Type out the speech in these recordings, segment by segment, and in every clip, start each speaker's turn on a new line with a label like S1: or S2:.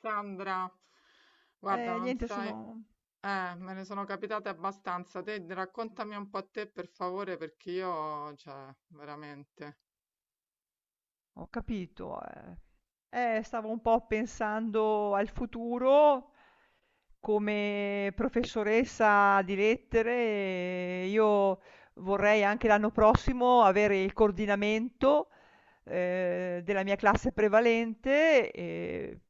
S1: Sandra, guarda, non
S2: Niente
S1: sai,
S2: sono
S1: me ne sono capitate abbastanza. Te raccontami un po' a te per favore, perché io, cioè, veramente.
S2: Ho capito, eh. Stavo un po' pensando al futuro. Come professoressa di lettere, io vorrei anche l'anno prossimo avere il coordinamento, della mia classe prevalente e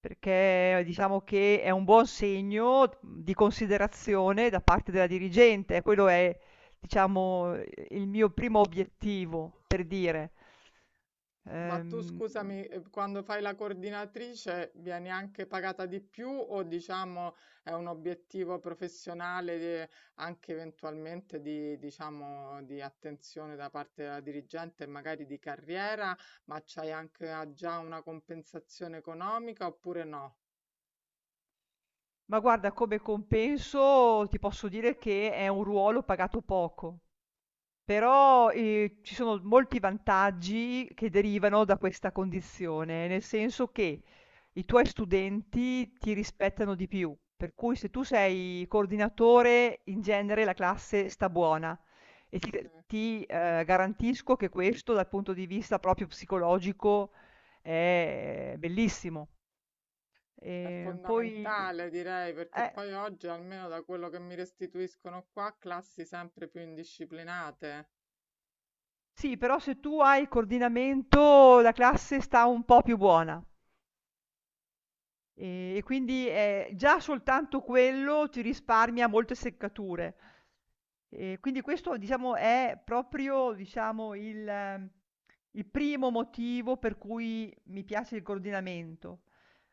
S2: perché diciamo che è un buon segno di considerazione da parte della dirigente. Quello è, diciamo, il mio primo obiettivo, per dire.
S1: Ma tu
S2: Ehm,
S1: scusami, quando fai la coordinatrice vieni anche pagata di più o diciamo è un obiettivo professionale de- anche eventualmente di, diciamo, di attenzione da parte della dirigente e magari di carriera, ma c'hai anche già una compensazione economica oppure no?
S2: ma guarda, come compenso ti posso dire che è un ruolo pagato poco. Però, ci sono molti vantaggi che derivano da questa condizione, nel senso che i tuoi studenti ti rispettano di più, per cui se tu sei coordinatore, in genere la classe sta buona e
S1: Sì.
S2: garantisco che questo dal punto di vista proprio psicologico è bellissimo.
S1: È
S2: Poi
S1: fondamentale, direi, perché
S2: eh,
S1: poi oggi, almeno da quello che mi restituiscono qua, classi sempre più indisciplinate,
S2: sì, però se tu hai coordinamento la classe sta un po' più buona. E quindi, già soltanto quello ti risparmia molte seccature. Quindi questo diciamo è proprio, diciamo, il primo motivo per cui mi piace il coordinamento,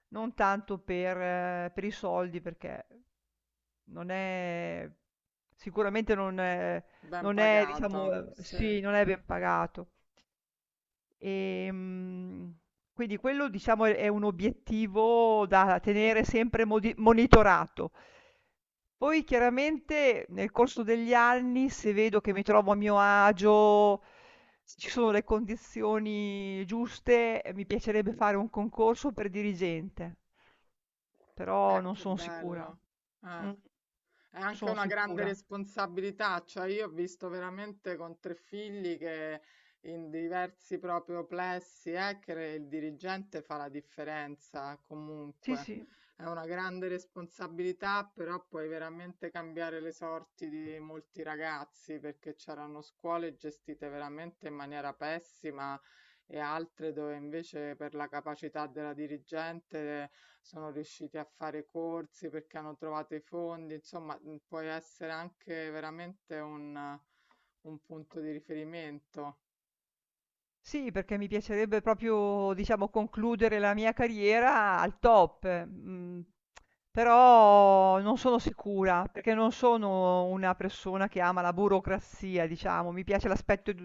S2: non tanto per i soldi perché non è sicuramente
S1: ben
S2: non è
S1: pagato.
S2: diciamo
S1: Sì,
S2: sì, non è ben pagato. Ehm, quindi quello diciamo è un obiettivo da tenere sempre modi monitorato. Poi chiaramente nel corso degli anni, se vedo che mi trovo a mio agio, se ci sono le condizioni giuste, mi piacerebbe fare un concorso per dirigente, però non
S1: che
S2: sono sicura.
S1: bello. Eh.
S2: Mm,
S1: È anche
S2: sono
S1: una grande
S2: sicura.
S1: responsabilità, cioè io ho visto veramente con tre figli che in diversi proprio plessi, che il dirigente fa la differenza
S2: Sì,
S1: comunque.
S2: sì.
S1: È una grande responsabilità, però puoi veramente cambiare le sorti di molti ragazzi perché c'erano scuole gestite veramente in maniera pessima e altre dove invece per la capacità della dirigente sono riusciti a fare corsi perché hanno trovato i fondi, insomma, puoi essere anche veramente un punto di riferimento.
S2: Sì, perché mi piacerebbe proprio, diciamo, concludere la mia carriera al top, mhmm, però non sono sicura, perché non sono una persona che ama la burocrazia, diciamo. Mi piace l'aspetto edu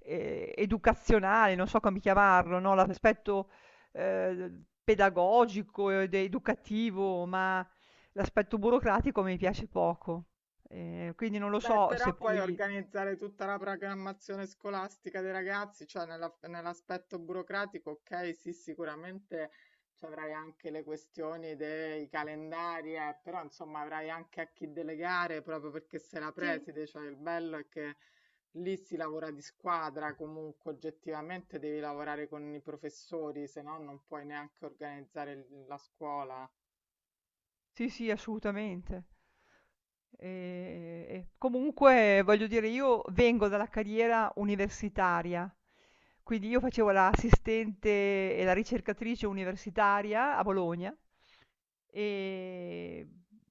S2: educazionale, non so come chiamarlo, no, l'aspetto, pedagogico ed educativo, ma l'aspetto burocratico mi piace poco. Quindi non lo
S1: Beh,
S2: so se
S1: però poi
S2: poi
S1: organizzare tutta la programmazione scolastica dei ragazzi, cioè nella- nell'aspetto burocratico, ok, sì, sicuramente ci avrai anche le questioni dei calendari, però insomma avrai anche a chi delegare proprio perché sei la
S2: sì.
S1: preside, cioè il bello è che lì si lavora di squadra, comunque oggettivamente devi lavorare con i professori, se no non puoi neanche organizzare l- la scuola.
S2: Sì, sì, assolutamente. E comunque voglio dire io vengo dalla carriera universitaria, quindi io facevo l'assistente e la ricercatrice universitaria a Bologna e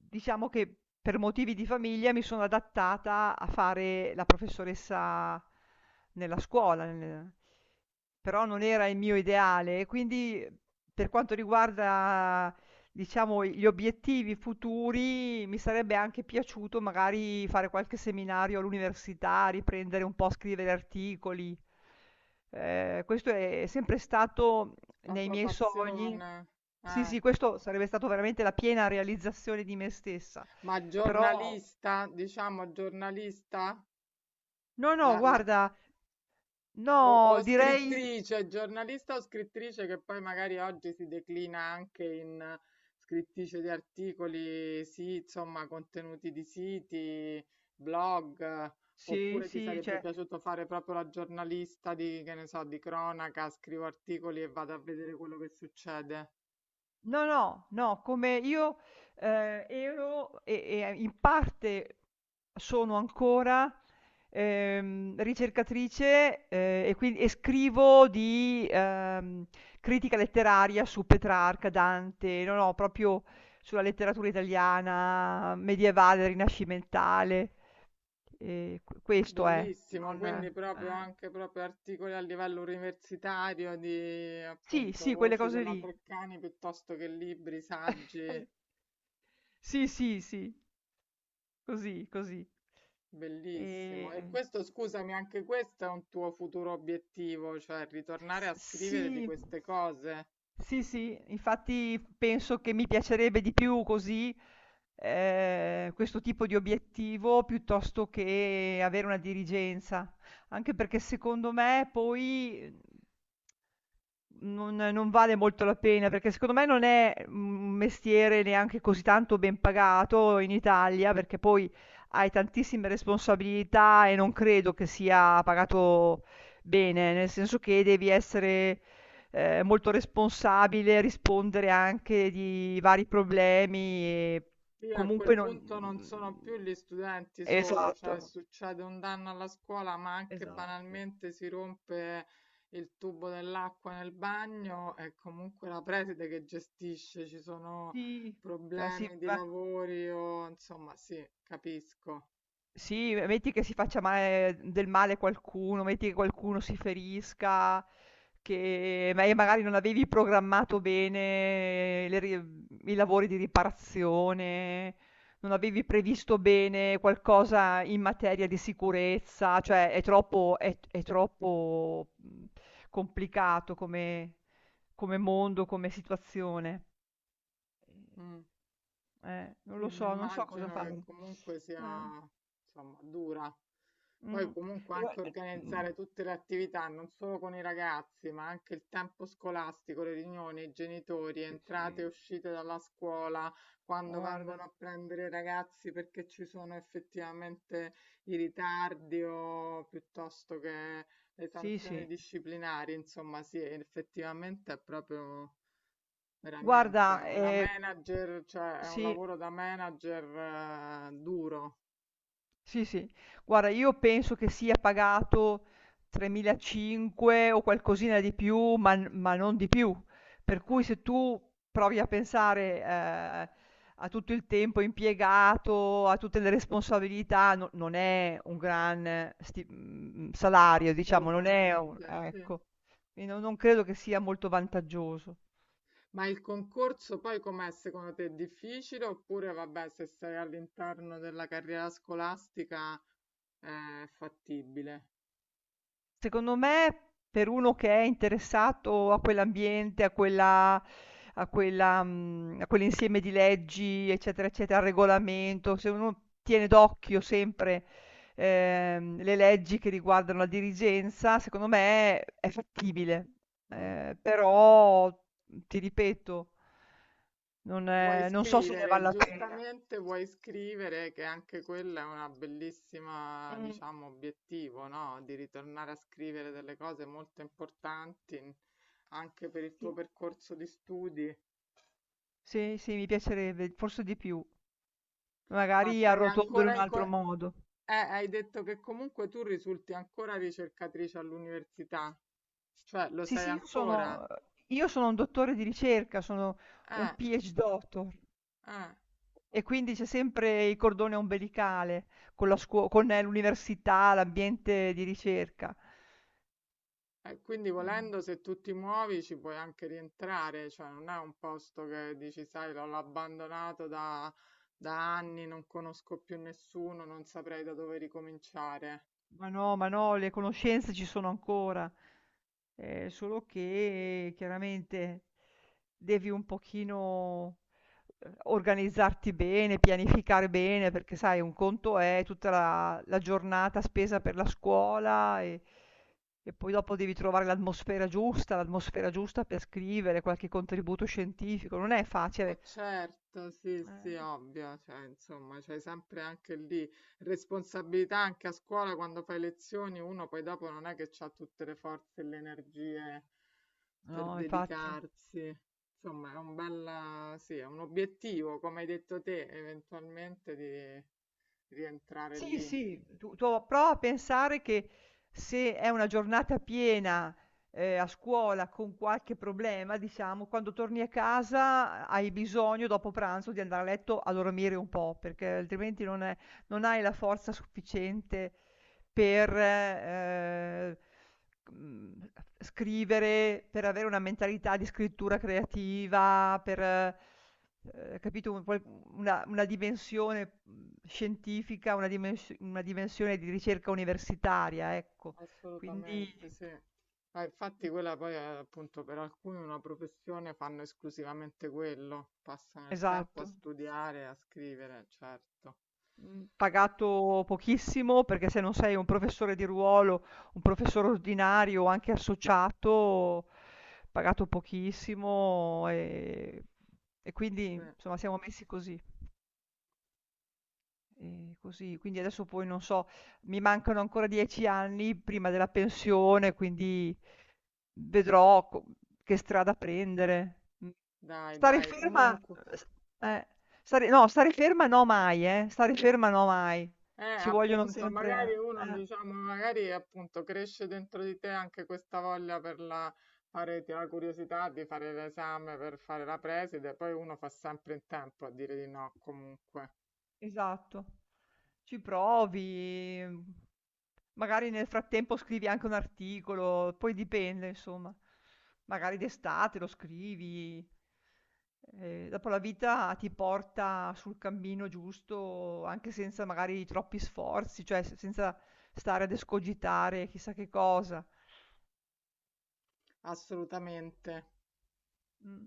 S2: diciamo che per motivi di famiglia mi sono adattata a fare la professoressa nella scuola, nel però non era il mio ideale, quindi per quanto riguarda diciamo gli obiettivi futuri, mi sarebbe anche piaciuto magari fare qualche seminario all'università, riprendere un po' a scrivere articoli. Questo è sempre stato
S1: La
S2: nei
S1: tua
S2: miei sogni.
S1: passione,
S2: Sì,
S1: eh.
S2: sì, questo sarebbe stato veramente la piena realizzazione di me stessa.
S1: Ma
S2: Però
S1: giornalista, diciamo giornalista,
S2: no, no,
S1: la- la-
S2: guarda, no,
S1: o
S2: direi
S1: scrittrice, giornalista o scrittrice che poi magari oggi si declina anche in scrittrice di articoli, sì, insomma, contenuti di siti, blog,
S2: sì,
S1: oppure ti
S2: sì,
S1: sarebbe
S2: cioè
S1: piaciuto fare proprio la giornalista di, che ne so, di cronaca, scrivo articoli e vado a vedere quello che succede.
S2: no, no, no, come io, ero e in parte sono ancora, ricercatrice, e scrivo di, critica letteraria su Petrarca, Dante, no, no, proprio sulla letteratura italiana medievale, rinascimentale, q questo è,
S1: Bellissimo,
S2: non
S1: quindi proprio anche proprio articoli a livello universitario di
S2: sì,
S1: appunto
S2: sì, quelle
S1: voci
S2: cose
S1: della
S2: lì.
S1: Treccani piuttosto che libri, saggi,
S2: Sì, sì, sì. Così, così. E...
S1: bellissimo. E questo, scusami, anche questo è un tuo futuro obiettivo, cioè ritornare a
S2: Sì.
S1: scrivere di queste cose.
S2: Sì, sì, infatti penso che mi piacerebbe di più così questo tipo di obiettivo piuttosto che avere una dirigenza, anche perché secondo me poi non vale molto la pena, perché secondo me non è un mestiere neanche così tanto ben pagato in Italia, perché poi hai tantissime responsabilità e non credo che sia pagato bene, nel senso che devi essere, molto responsabile, rispondere anche di vari problemi e
S1: Sì, a quel
S2: comunque non
S1: punto non
S2: mhmm,
S1: sono più gli studenti solo, cioè
S2: esatto,
S1: succede un danno alla scuola, ma anche
S2: esatto.
S1: banalmente si rompe il tubo dell'acqua nel bagno, è comunque la preside che gestisce, ci sono
S2: Sì, cioè sì,
S1: problemi di
S2: ma
S1: lavori o insomma, sì, capisco.
S2: sì, me metti che si faccia male qualcuno, metti che qualcuno si ferisca, e magari non avevi programmato bene i lavori di riparazione, non avevi previsto bene qualcosa in materia di sicurezza, cioè è troppo, è troppo, complicato come, come mondo, come situazione.
S1: Mm.
S2: Non
S1: Sì,
S2: lo
S1: mi
S2: so, non so cosa
S1: immagino che
S2: fare.
S1: comunque sia,
S2: Eh.
S1: insomma, dura.
S2: Mh.
S1: Poi comunque
S2: E gua
S1: anche
S2: e mh.
S1: organizzare tutte le attività, non solo con i ragazzi, ma anche il tempo scolastico, le riunioni, i genitori,
S2: Sì,
S1: entrate e
S2: sì.
S1: uscite dalla scuola, quando
S2: Guarda.
S1: vengono a prendere i ragazzi perché ci sono effettivamente i ritardi o piuttosto che le
S2: Sì,
S1: sanzioni
S2: sì.
S1: disciplinari, insomma, sì, effettivamente è proprio veramente.
S2: Guarda,
S1: Una manager, cioè è un
S2: sì.
S1: lavoro da manager duro,
S2: Sì, sì. Guarda, io penso che sia pagato 3.500 o qualcosina di più, ma, ma non di più. Per cui
S1: eh,
S2: se tu provi a pensare, a tutto il tempo impiegato, a tutte le responsabilità, non è un gran salario, diciamo, non è un-
S1: assolutamente, sì.
S2: ecco. Quindi non credo che sia molto vantaggioso.
S1: Ma il concorso poi com'è secondo te? È difficile oppure vabbè, se sei all'interno della carriera scolastica è fattibile?
S2: Secondo me, per uno che è interessato a quell'ambiente, a quella mhmm, a quell'insieme di leggi, eccetera, eccetera, al regolamento, se uno tiene d'occhio sempre, le leggi che riguardano la dirigenza, secondo me è fattibile.
S1: Mm.
S2: Però, mhmm, ti ripeto
S1: Vuoi
S2: non so se ne val
S1: scrivere,
S2: la pena.
S1: giustamente vuoi scrivere che anche quella è una bellissima,
S2: Mh,
S1: diciamo, obiettivo, no? Di ritornare a scrivere delle cose molto importanti in- anche per il tuo
S2: sì.
S1: percorso di studi.
S2: Sì, sì, mi piacerebbe, forse di più.
S1: Ma
S2: Magari
S1: sei
S2: arrotondolo
S1: ancora
S2: in un
S1: in... co-
S2: altro modo.
S1: hai detto che comunque tu risulti ancora ricercatrice all'università, cioè lo
S2: Sì,
S1: sei
S2: sì,
S1: ancora?
S2: io sono un dottore di ricerca, sono
S1: Eh,
S2: un PhD doctor
S1: eh.
S2: e quindi c'è sempre il cordone ombelicale con l'università, l'ambiente di ricerca.
S1: Quindi
S2: Eh,
S1: volendo, se tu ti muovi ci puoi anche rientrare, cioè non è un posto che dici, sai, l'ho abbandonato da, da anni, non conosco più nessuno, non saprei da dove ricominciare.
S2: Ma no, ma no, le conoscenze ci sono ancora, solo che chiaramente devi un pochino organizzarti bene, pianificare bene, perché sai, un conto è tutta la giornata spesa per la scuola e poi dopo devi trovare l'atmosfera giusta per scrivere qualche contributo scientifico, non è
S1: Ma
S2: facile.
S1: certo, sì, sì,
S2: Eh,
S1: ovvio, cioè, insomma, c'hai sempre anche lì responsabilità anche a scuola quando fai lezioni, uno poi dopo non è che ha tutte le forze e le energie per
S2: no, infatti.
S1: dedicarsi. Insomma, è un bella, sì, è un obiettivo, come hai detto te, eventualmente di rientrare
S2: Sì,
S1: lì.
S2: sì, tu prova a pensare che se è una giornata piena, a scuola con qualche problema, diciamo, quando torni a casa hai bisogno dopo pranzo di andare a letto a dormire un po', perché altrimenti non è non hai la forza sufficiente per, mhmm, scrivere, per avere una mentalità di scrittura creativa, per capito, un qual una dimensione, mhmm, scientifica, una dimensione di ricerca universitaria, ecco. Quindi
S1: Assolutamente sì. Ah, infatti quella poi è appunto per alcuni una professione, fanno esclusivamente quello, passano il tempo a
S2: esatto,
S1: studiare, a scrivere, certo.
S2: mhmm, pagato pochissimo, perché se non sei un professore di ruolo, un professore ordinario o anche associato, pagato pochissimo, e quindi
S1: Sì.
S2: insomma siamo messi così. Così. Quindi adesso poi non so, mi mancano ancora 10 anni prima della pensione, quindi vedrò co che strada prendere. Mh.
S1: Dai,
S2: Stare
S1: dai,
S2: ferma
S1: comunque,
S2: s eh, stare no, stare ferma no mai, stare ferma no mai. Ci vogliono
S1: appunto, magari
S2: sempre.
S1: uno,
S2: Eh.
S1: diciamo, magari appunto cresce dentro di te anche questa voglia per la, fare, ti- la curiosità di fare l'esame per fare la preside, poi uno fa sempre in tempo a dire di no, comunque.
S2: Esatto. Ci provi, mhmm, magari nel frattempo scrivi anche un articolo, poi dipende insomma. Magari d'estate lo scrivi. Dopo la vita ti porta sul cammino giusto anche senza magari troppi sforzi, cioè se senza stare ad escogitare chissà che cosa.
S1: Assolutamente.
S2: Mh.